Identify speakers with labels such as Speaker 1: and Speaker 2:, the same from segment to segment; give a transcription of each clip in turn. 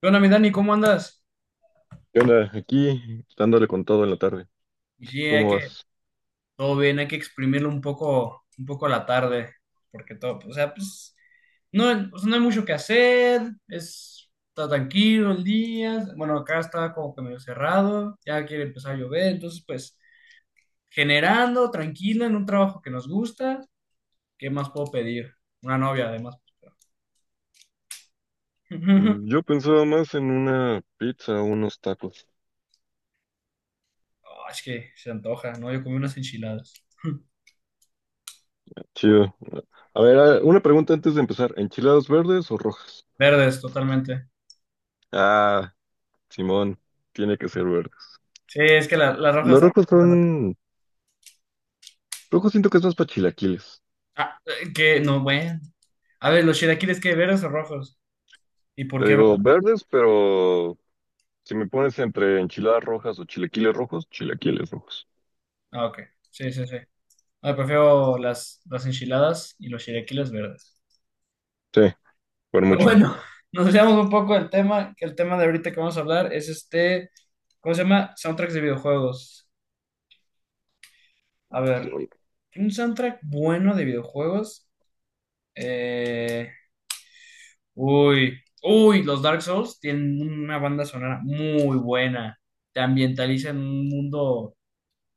Speaker 1: ¿Qué onda, mi Dani? ¿Cómo andas?
Speaker 2: ¿Qué onda? Aquí dándole con todo en la tarde.
Speaker 1: Y sí, hay
Speaker 2: ¿Cómo
Speaker 1: que,
Speaker 2: vas?
Speaker 1: todo bien, hay que exprimirlo un poco a la tarde, porque todo, o sea, pues, no, o sea, no hay mucho que hacer, es, está tranquilo el día, bueno, acá está como que medio cerrado, ya quiere empezar a llover, entonces, pues, generando, tranquilo, en un trabajo que nos gusta, ¿qué más puedo pedir? Una novia, además.
Speaker 2: Mm, yo pensaba más en una pizza o unos tacos.
Speaker 1: Ah, es que se antoja, ¿no? Yo comí unas enchiladas,
Speaker 2: Chido. A ver, una pregunta antes de empezar. ¿Enchiladas verdes o rojas?
Speaker 1: verdes, totalmente.
Speaker 2: Ah, simón, tiene que ser verdes.
Speaker 1: Sí, es que las rojas.
Speaker 2: Los rojos son... Rojos siento que es más para chilaquiles.
Speaker 1: Ah, que no, bueno. A ver, ¿los chilaquiles qué? ¿Verdes o rojos? ¿Y por
Speaker 2: Te
Speaker 1: qué
Speaker 2: digo
Speaker 1: verdes?
Speaker 2: verdes, pero si me pones entre enchiladas rojas o chilaquiles rojos, chilaquiles rojos.
Speaker 1: Ah, ok. Sí, sí, sí. Ah, prefiero las enchiladas y los chilaquiles verdes.
Speaker 2: Sí, por
Speaker 1: Pero
Speaker 2: mucho.
Speaker 1: bueno, nos desviamos un poco del tema, que el tema de ahorita que vamos a hablar es este, ¿cómo se llama? Soundtracks de videojuegos. A ver, un soundtrack bueno de videojuegos. Eh, los Dark Souls tienen una banda sonora muy buena. Te ambientaliza en un mundo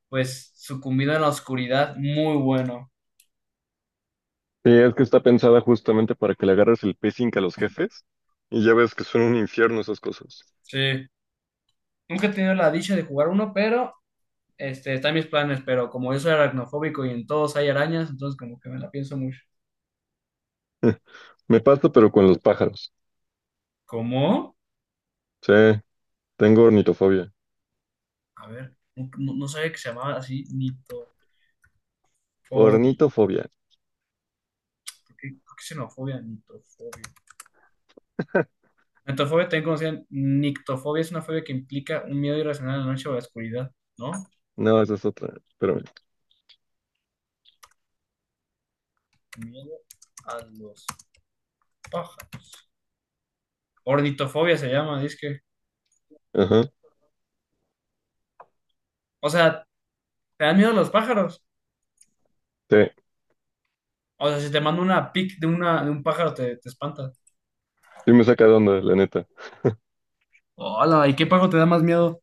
Speaker 1: pues sucumbido en la oscuridad, muy bueno.
Speaker 2: Sí, es que está pensada justamente para que le agarres el pacing a los jefes y ya ves que son un infierno esas cosas.
Speaker 1: Sí. Nunca he tenido la dicha de jugar uno, pero está en mis planes, pero como yo soy aracnofóbico y en todos hay arañas, entonces como que me la pienso mucho.
Speaker 2: Me pasa, pero con los pájaros.
Speaker 1: ¿Cómo?
Speaker 2: Sí, tengo ornitofobia.
Speaker 1: A ver, no, no sabía que se llamaba así nitofobia. ¿Por
Speaker 2: Ornitofobia.
Speaker 1: por qué xenofobia? Nitofobia. Nitofobia también conocían. Nictofobia es una fobia que implica un miedo irracional a la noche o a la oscuridad, ¿no?
Speaker 2: No, esa es otra. Espérame.
Speaker 1: Miedo a los pájaros. Ornitofobia se llama, dice que.
Speaker 2: Ajá.
Speaker 1: O sea, ¿te dan miedo a los pájaros?
Speaker 2: Sí,
Speaker 1: O sea, si te mando una pic de, una, de un pájaro, te espanta.
Speaker 2: sí me saca de onda, la neta.
Speaker 1: Hola, ¿y qué pájaro te da más miedo?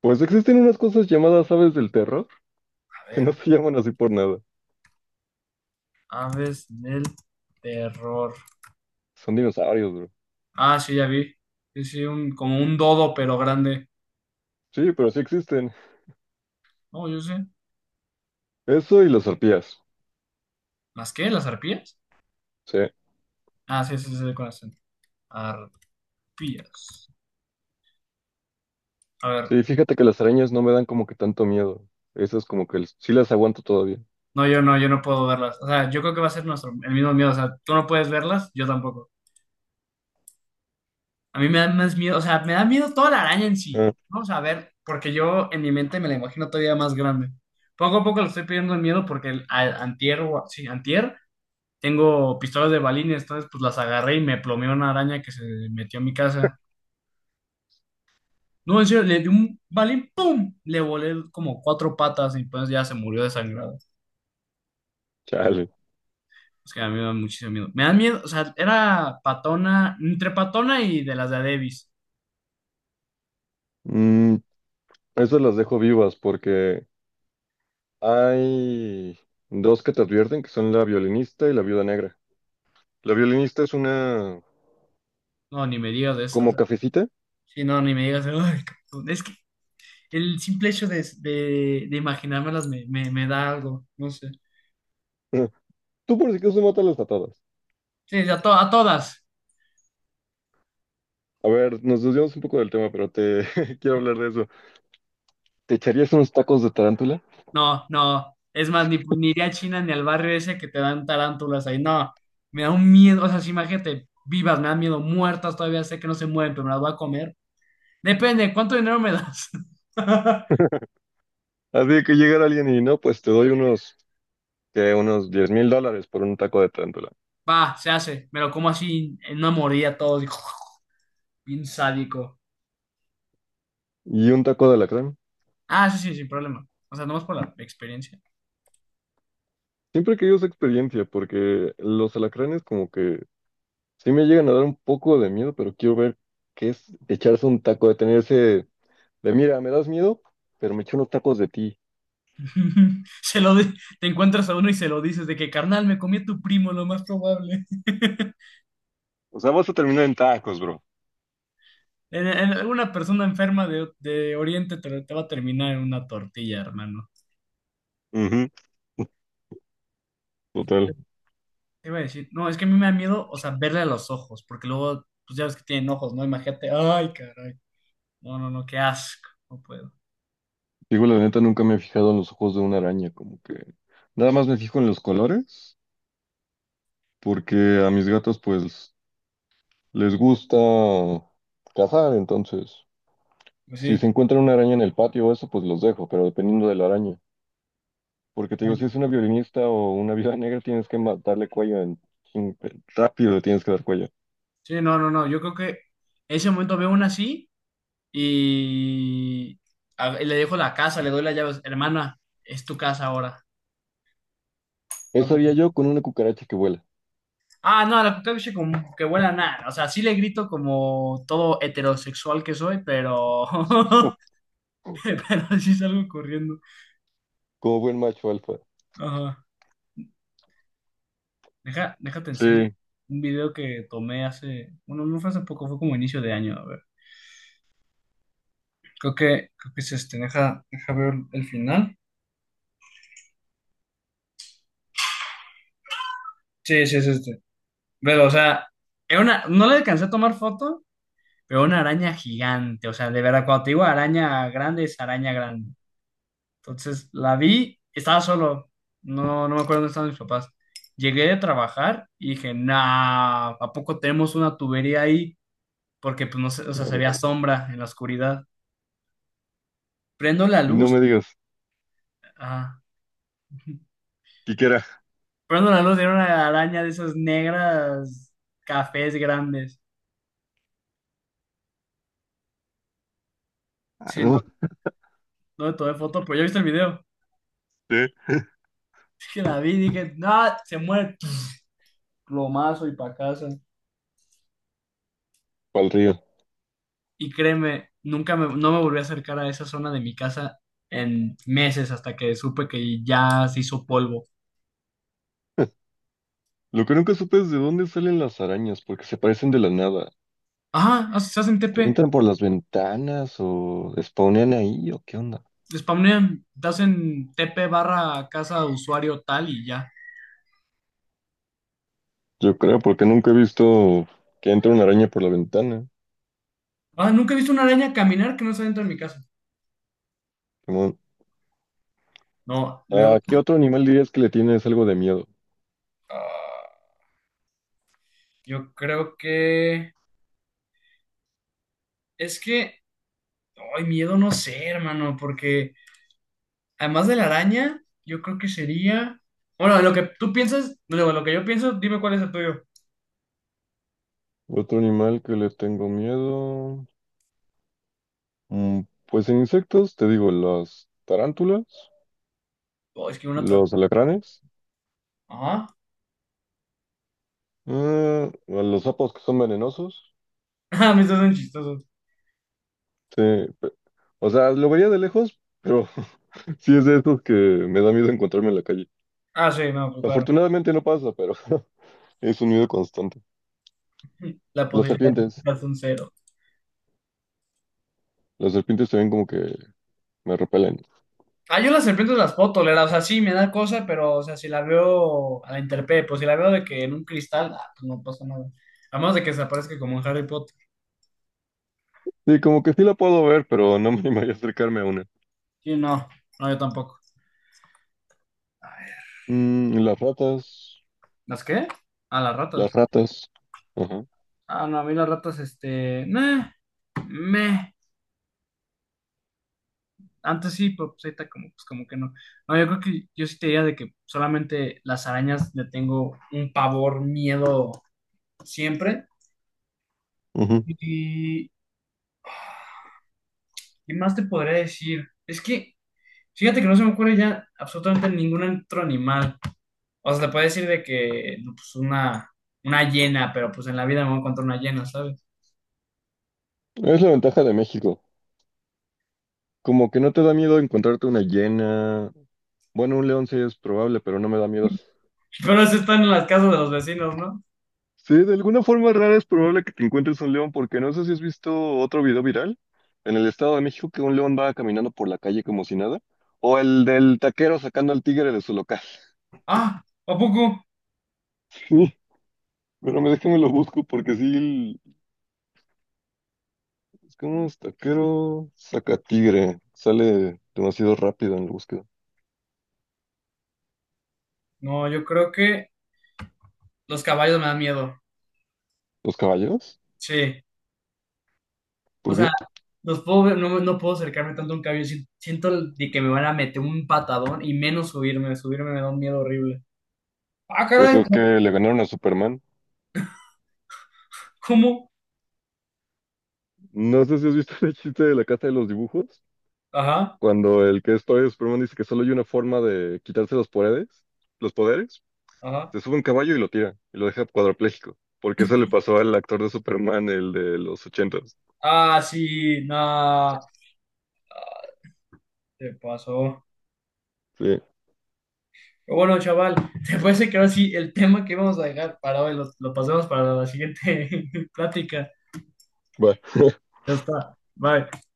Speaker 2: Pues existen unas cosas llamadas aves del terror
Speaker 1: A
Speaker 2: que no
Speaker 1: ver,
Speaker 2: se llaman así por nada.
Speaker 1: aves del terror.
Speaker 2: Son dinosaurios, bro.
Speaker 1: Ah, sí, ya vi. Sí, sí, un, como un dodo, pero grande.
Speaker 2: Sí, pero sí existen.
Speaker 1: No, yo sé.
Speaker 2: Eso y las arpías.
Speaker 1: ¿Las qué? ¿Las arpías?
Speaker 2: Sí.
Speaker 1: Ah, sí, sí, sí, con acento. Arpías. A ver.
Speaker 2: Sí, fíjate que las arañas no me dan como que tanto miedo. Esas como que sí las aguanto todavía.
Speaker 1: No, yo no, yo no puedo verlas. O sea, yo creo que va a ser nuestro, el mismo miedo. O sea, tú no puedes verlas, yo tampoco. A mí me da más miedo, o sea, me da miedo toda la araña en sí.
Speaker 2: Ah,
Speaker 1: Vamos a ver, porque yo en mi mente me la imagino todavía más grande. Poco a poco le estoy pidiendo el miedo porque el, antier, sí, antier, tengo pistolas de balines, entonces pues las agarré y me plomeó una araña que se metió en mi casa. No, en serio, le di un balín, ¡pum! Le volé como cuatro patas y pues ya se murió desangrado.
Speaker 2: chale.
Speaker 1: Es que a mí me da muchísimo miedo. Me da miedo, o sea, era patona, entre patona y de las de Adebis.
Speaker 2: Mm, esas las dejo vivas porque hay dos que te advierten, que son la violinista y la viuda negra. La violinista es una
Speaker 1: No, ni me digas de
Speaker 2: como
Speaker 1: esas.
Speaker 2: cafecita.
Speaker 1: Sí, no, ni me digas, "Ay, cabrón". Es que el simple hecho de, imaginármelas me da algo, no sé.
Speaker 2: Tú por si acaso mátalas las todas.
Speaker 1: Sí, a, a todas.
Speaker 2: A ver, nos desviamos un poco del tema, pero te quiero hablar de eso. ¿Te echarías unos tacos de tarántula?
Speaker 1: No, no. Es más, ni, ni iría a China ni al barrio ese que te dan tarántulas ahí. No, me da un miedo. O sea, si imagínate, vivas, me dan miedo, muertas, todavía sé que no se mueven, pero me las voy a comer. Depende, ¿cuánto dinero me das?
Speaker 2: Así que llegara alguien y no, pues te doy unos, que unos $10,000 por un taco de tarántula.
Speaker 1: Va, se hace. Me lo como así en una mordida todo, así, bien sádico.
Speaker 2: Y un taco de alacrán.
Speaker 1: Ah, sí, sí, sin problema. O sea, nomás por la experiencia.
Speaker 2: Siempre he querido esa experiencia porque los alacranes como que sí me llegan a dar un poco de miedo, pero quiero ver qué es echarse un taco, detenerse de, mira, me das miedo, pero me echo unos tacos de ti.
Speaker 1: Se lo di- Te encuentras a uno y se lo dices de que, carnal, me comí a tu primo, lo más probable.
Speaker 2: O sea, vas a terminar en tacos, bro.
Speaker 1: Alguna persona enferma de Oriente te, te va a terminar en una tortilla, hermano.
Speaker 2: Ujú, total.
Speaker 1: Te iba a decir, no, es que a mí me da miedo, o sea, verle a los ojos, porque luego, pues ya ves que tienen ojos, ¿no? Imagínate, ay, caray. No, no, no, qué asco, no puedo.
Speaker 2: Digo, la neta, nunca me he fijado en los ojos de una araña, como que nada más me fijo en los colores, porque a mis gatos, pues, les gusta cazar, entonces,
Speaker 1: Pues
Speaker 2: si
Speaker 1: sí,
Speaker 2: se encuentran una araña en el patio o eso, pues los dejo, pero dependiendo de la araña. Porque te digo,
Speaker 1: ay,
Speaker 2: si es una violinista o una viuda negra, tienes que darle cuello chin- rápido le tienes que dar cuello.
Speaker 1: sí, no, no, no, yo creo que ese momento veo una así y, y le dejo la casa, le doy las llaves, hermana, es tu casa ahora. No.
Speaker 2: Eso haría yo con una cucaracha que vuela,
Speaker 1: Ah, no, la cucaracha como que huele a nada. O sea, sí le grito como todo heterosexual que soy, pero. Pero sí salgo corriendo.
Speaker 2: como buen macho alfa.
Speaker 1: Ajá. Deja, déjate
Speaker 2: Sí,
Speaker 1: enseño
Speaker 2: a
Speaker 1: un video que tomé hace. Bueno, no fue hace poco, fue como inicio de año. A ver. Creo que es este. Deja, deja ver el final. Sí, sí, es este. Pero, o sea, era una. No le alcancé a tomar foto, pero una araña gigante. O sea, de verdad, cuando te digo araña grande, es araña grande. Entonces la vi, estaba solo, no, no me acuerdo dónde estaban mis papás. Llegué de trabajar y dije, nah, ¿a poco tenemos una tubería ahí? Porque pues no sé, o sea, se
Speaker 2: ver,
Speaker 1: veía sombra en la oscuridad. Prendo la
Speaker 2: y no me
Speaker 1: luz,
Speaker 2: digas,
Speaker 1: ah,
Speaker 2: Quiquera.
Speaker 1: Prendo la luz, era una araña de esas negras cafés grandes.
Speaker 2: Ah,
Speaker 1: Sí,
Speaker 2: no,
Speaker 1: no, no le tomé foto, pero ya viste el video.
Speaker 2: sí,
Speaker 1: Dije, la vi, dije, nah, se muere. Pff, plomazo y pa' casa.
Speaker 2: pa'l río.
Speaker 1: Y créeme, nunca me, no me volví a acercar a esa zona de mi casa en meses hasta que supe que ya se hizo polvo.
Speaker 2: Lo que nunca supe es de dónde salen las arañas, porque se parecen de la nada.
Speaker 1: Ajá, ah, se hacen TP,
Speaker 2: ¿Entran por las ventanas o spawnean ahí o qué onda?
Speaker 1: spawnean, te hacen TP barra casa usuario tal y ya.
Speaker 2: Yo creo, porque nunca he visto que entre una araña por la ventana.
Speaker 1: Ah, nunca he visto una araña caminar que no está dentro de mi casa.
Speaker 2: Simón.
Speaker 1: No, luego,
Speaker 2: ¿A qué otro animal dirías que le tienes algo de miedo?
Speaker 1: ah, yo creo que es que, ay, miedo no sé, hermano, porque además de la araña, yo creo que sería, bueno, lo que tú piensas, luego lo que yo pienso, dime cuál es el tuyo.
Speaker 2: Otro animal que le tengo miedo. Mm, pues en insectos, te digo, las tarántulas,
Speaker 1: Oh, es que una
Speaker 2: los alacranes,
Speaker 1: ajá.
Speaker 2: ah, a los sapos que son venenosos.
Speaker 1: Ah, me son chistosos.
Speaker 2: Sí, pe- o sea, lo vería de lejos, pero sí es de estos que me da miedo encontrarme en la calle.
Speaker 1: Ah, sí, no, pues claro.
Speaker 2: Afortunadamente no pasa, pero es un miedo constante.
Speaker 1: La
Speaker 2: Las
Speaker 1: posibilidad de
Speaker 2: serpientes,
Speaker 1: quitarse un cero.
Speaker 2: las serpientes también como que me repelen.
Speaker 1: Ah, yo las serpientes las puedo tolerar, o sea, sí me da cosa, pero, o sea, si la veo a la interpe, pues si la veo de que en un cristal, ah, pues no pasa nada. A menos de que se aparezca como en Harry Potter.
Speaker 2: Sí, como que sí la puedo ver, pero no me animaría a acercarme a una.
Speaker 1: Sí, no, no, yo tampoco.
Speaker 2: Mm, y las ratas,
Speaker 1: ¿Las qué? Ah, las
Speaker 2: las
Speaker 1: ratas.
Speaker 2: ratas. Ajá.
Speaker 1: Ah, no, a mí las ratas, este, meh, meh. Antes sí, pero pues ahorita como, pues como que no. No, yo creo que yo sí te diría de que solamente las arañas le tengo un pavor, miedo siempre.
Speaker 2: Ujú.
Speaker 1: Y, ¿qué más te podría decir? Es que, fíjate que no se me ocurre ya absolutamente ningún otro animal. O sea, te puede decir de que, no, pues una hiena, pero pues en la vida me voy a encontrar una hiena, ¿sabes?
Speaker 2: Es la ventaja de México. Como que no te da miedo encontrarte una hiena. Bueno, un león sí es probable, pero no me da miedo.
Speaker 1: Pero eso están en las casas de los vecinos, ¿no?
Speaker 2: Sí, de alguna forma rara es probable que te encuentres un león, porque no sé si has visto otro video viral en el Estado de México que un león va caminando por la calle como si nada, o el del taquero sacando al tigre de su local.
Speaker 1: Ah, ¿a poco?
Speaker 2: Sí, pero me déjame lo busco porque sí, es como es taquero saca tigre, sale demasiado rápido en la búsqueda.
Speaker 1: No, yo creo que los caballos me dan miedo.
Speaker 2: ¿Los caballeros?
Speaker 1: Sí. O
Speaker 2: ¿Por
Speaker 1: sea,
Speaker 2: qué?
Speaker 1: no, no puedo acercarme tanto a un caballo. Siento de que me van a meter un patadón y menos subirme. Subirme me da un miedo horrible. Ah,
Speaker 2: Pues
Speaker 1: caray,
Speaker 2: es que le ganaron a Superman.
Speaker 1: ¿cómo?
Speaker 2: No sé si has visto el chiste de la casa de los dibujos,
Speaker 1: Ajá,
Speaker 2: cuando el que es todavía Superman dice que solo hay una forma de quitarse los poderes, los poderes,
Speaker 1: ajá.
Speaker 2: se sube un caballo y lo tira, y lo deja cuadrapléjico, porque eso le pasó al actor de Superman, el de los 80.
Speaker 1: Ah, sí, nada, te pasó.
Speaker 2: Sí,
Speaker 1: Pero bueno, chaval, ¿te parece que ahora sí el tema que vamos a dejar para hoy lo pasemos para la siguiente plática?
Speaker 2: va.
Speaker 1: Ya está, bye.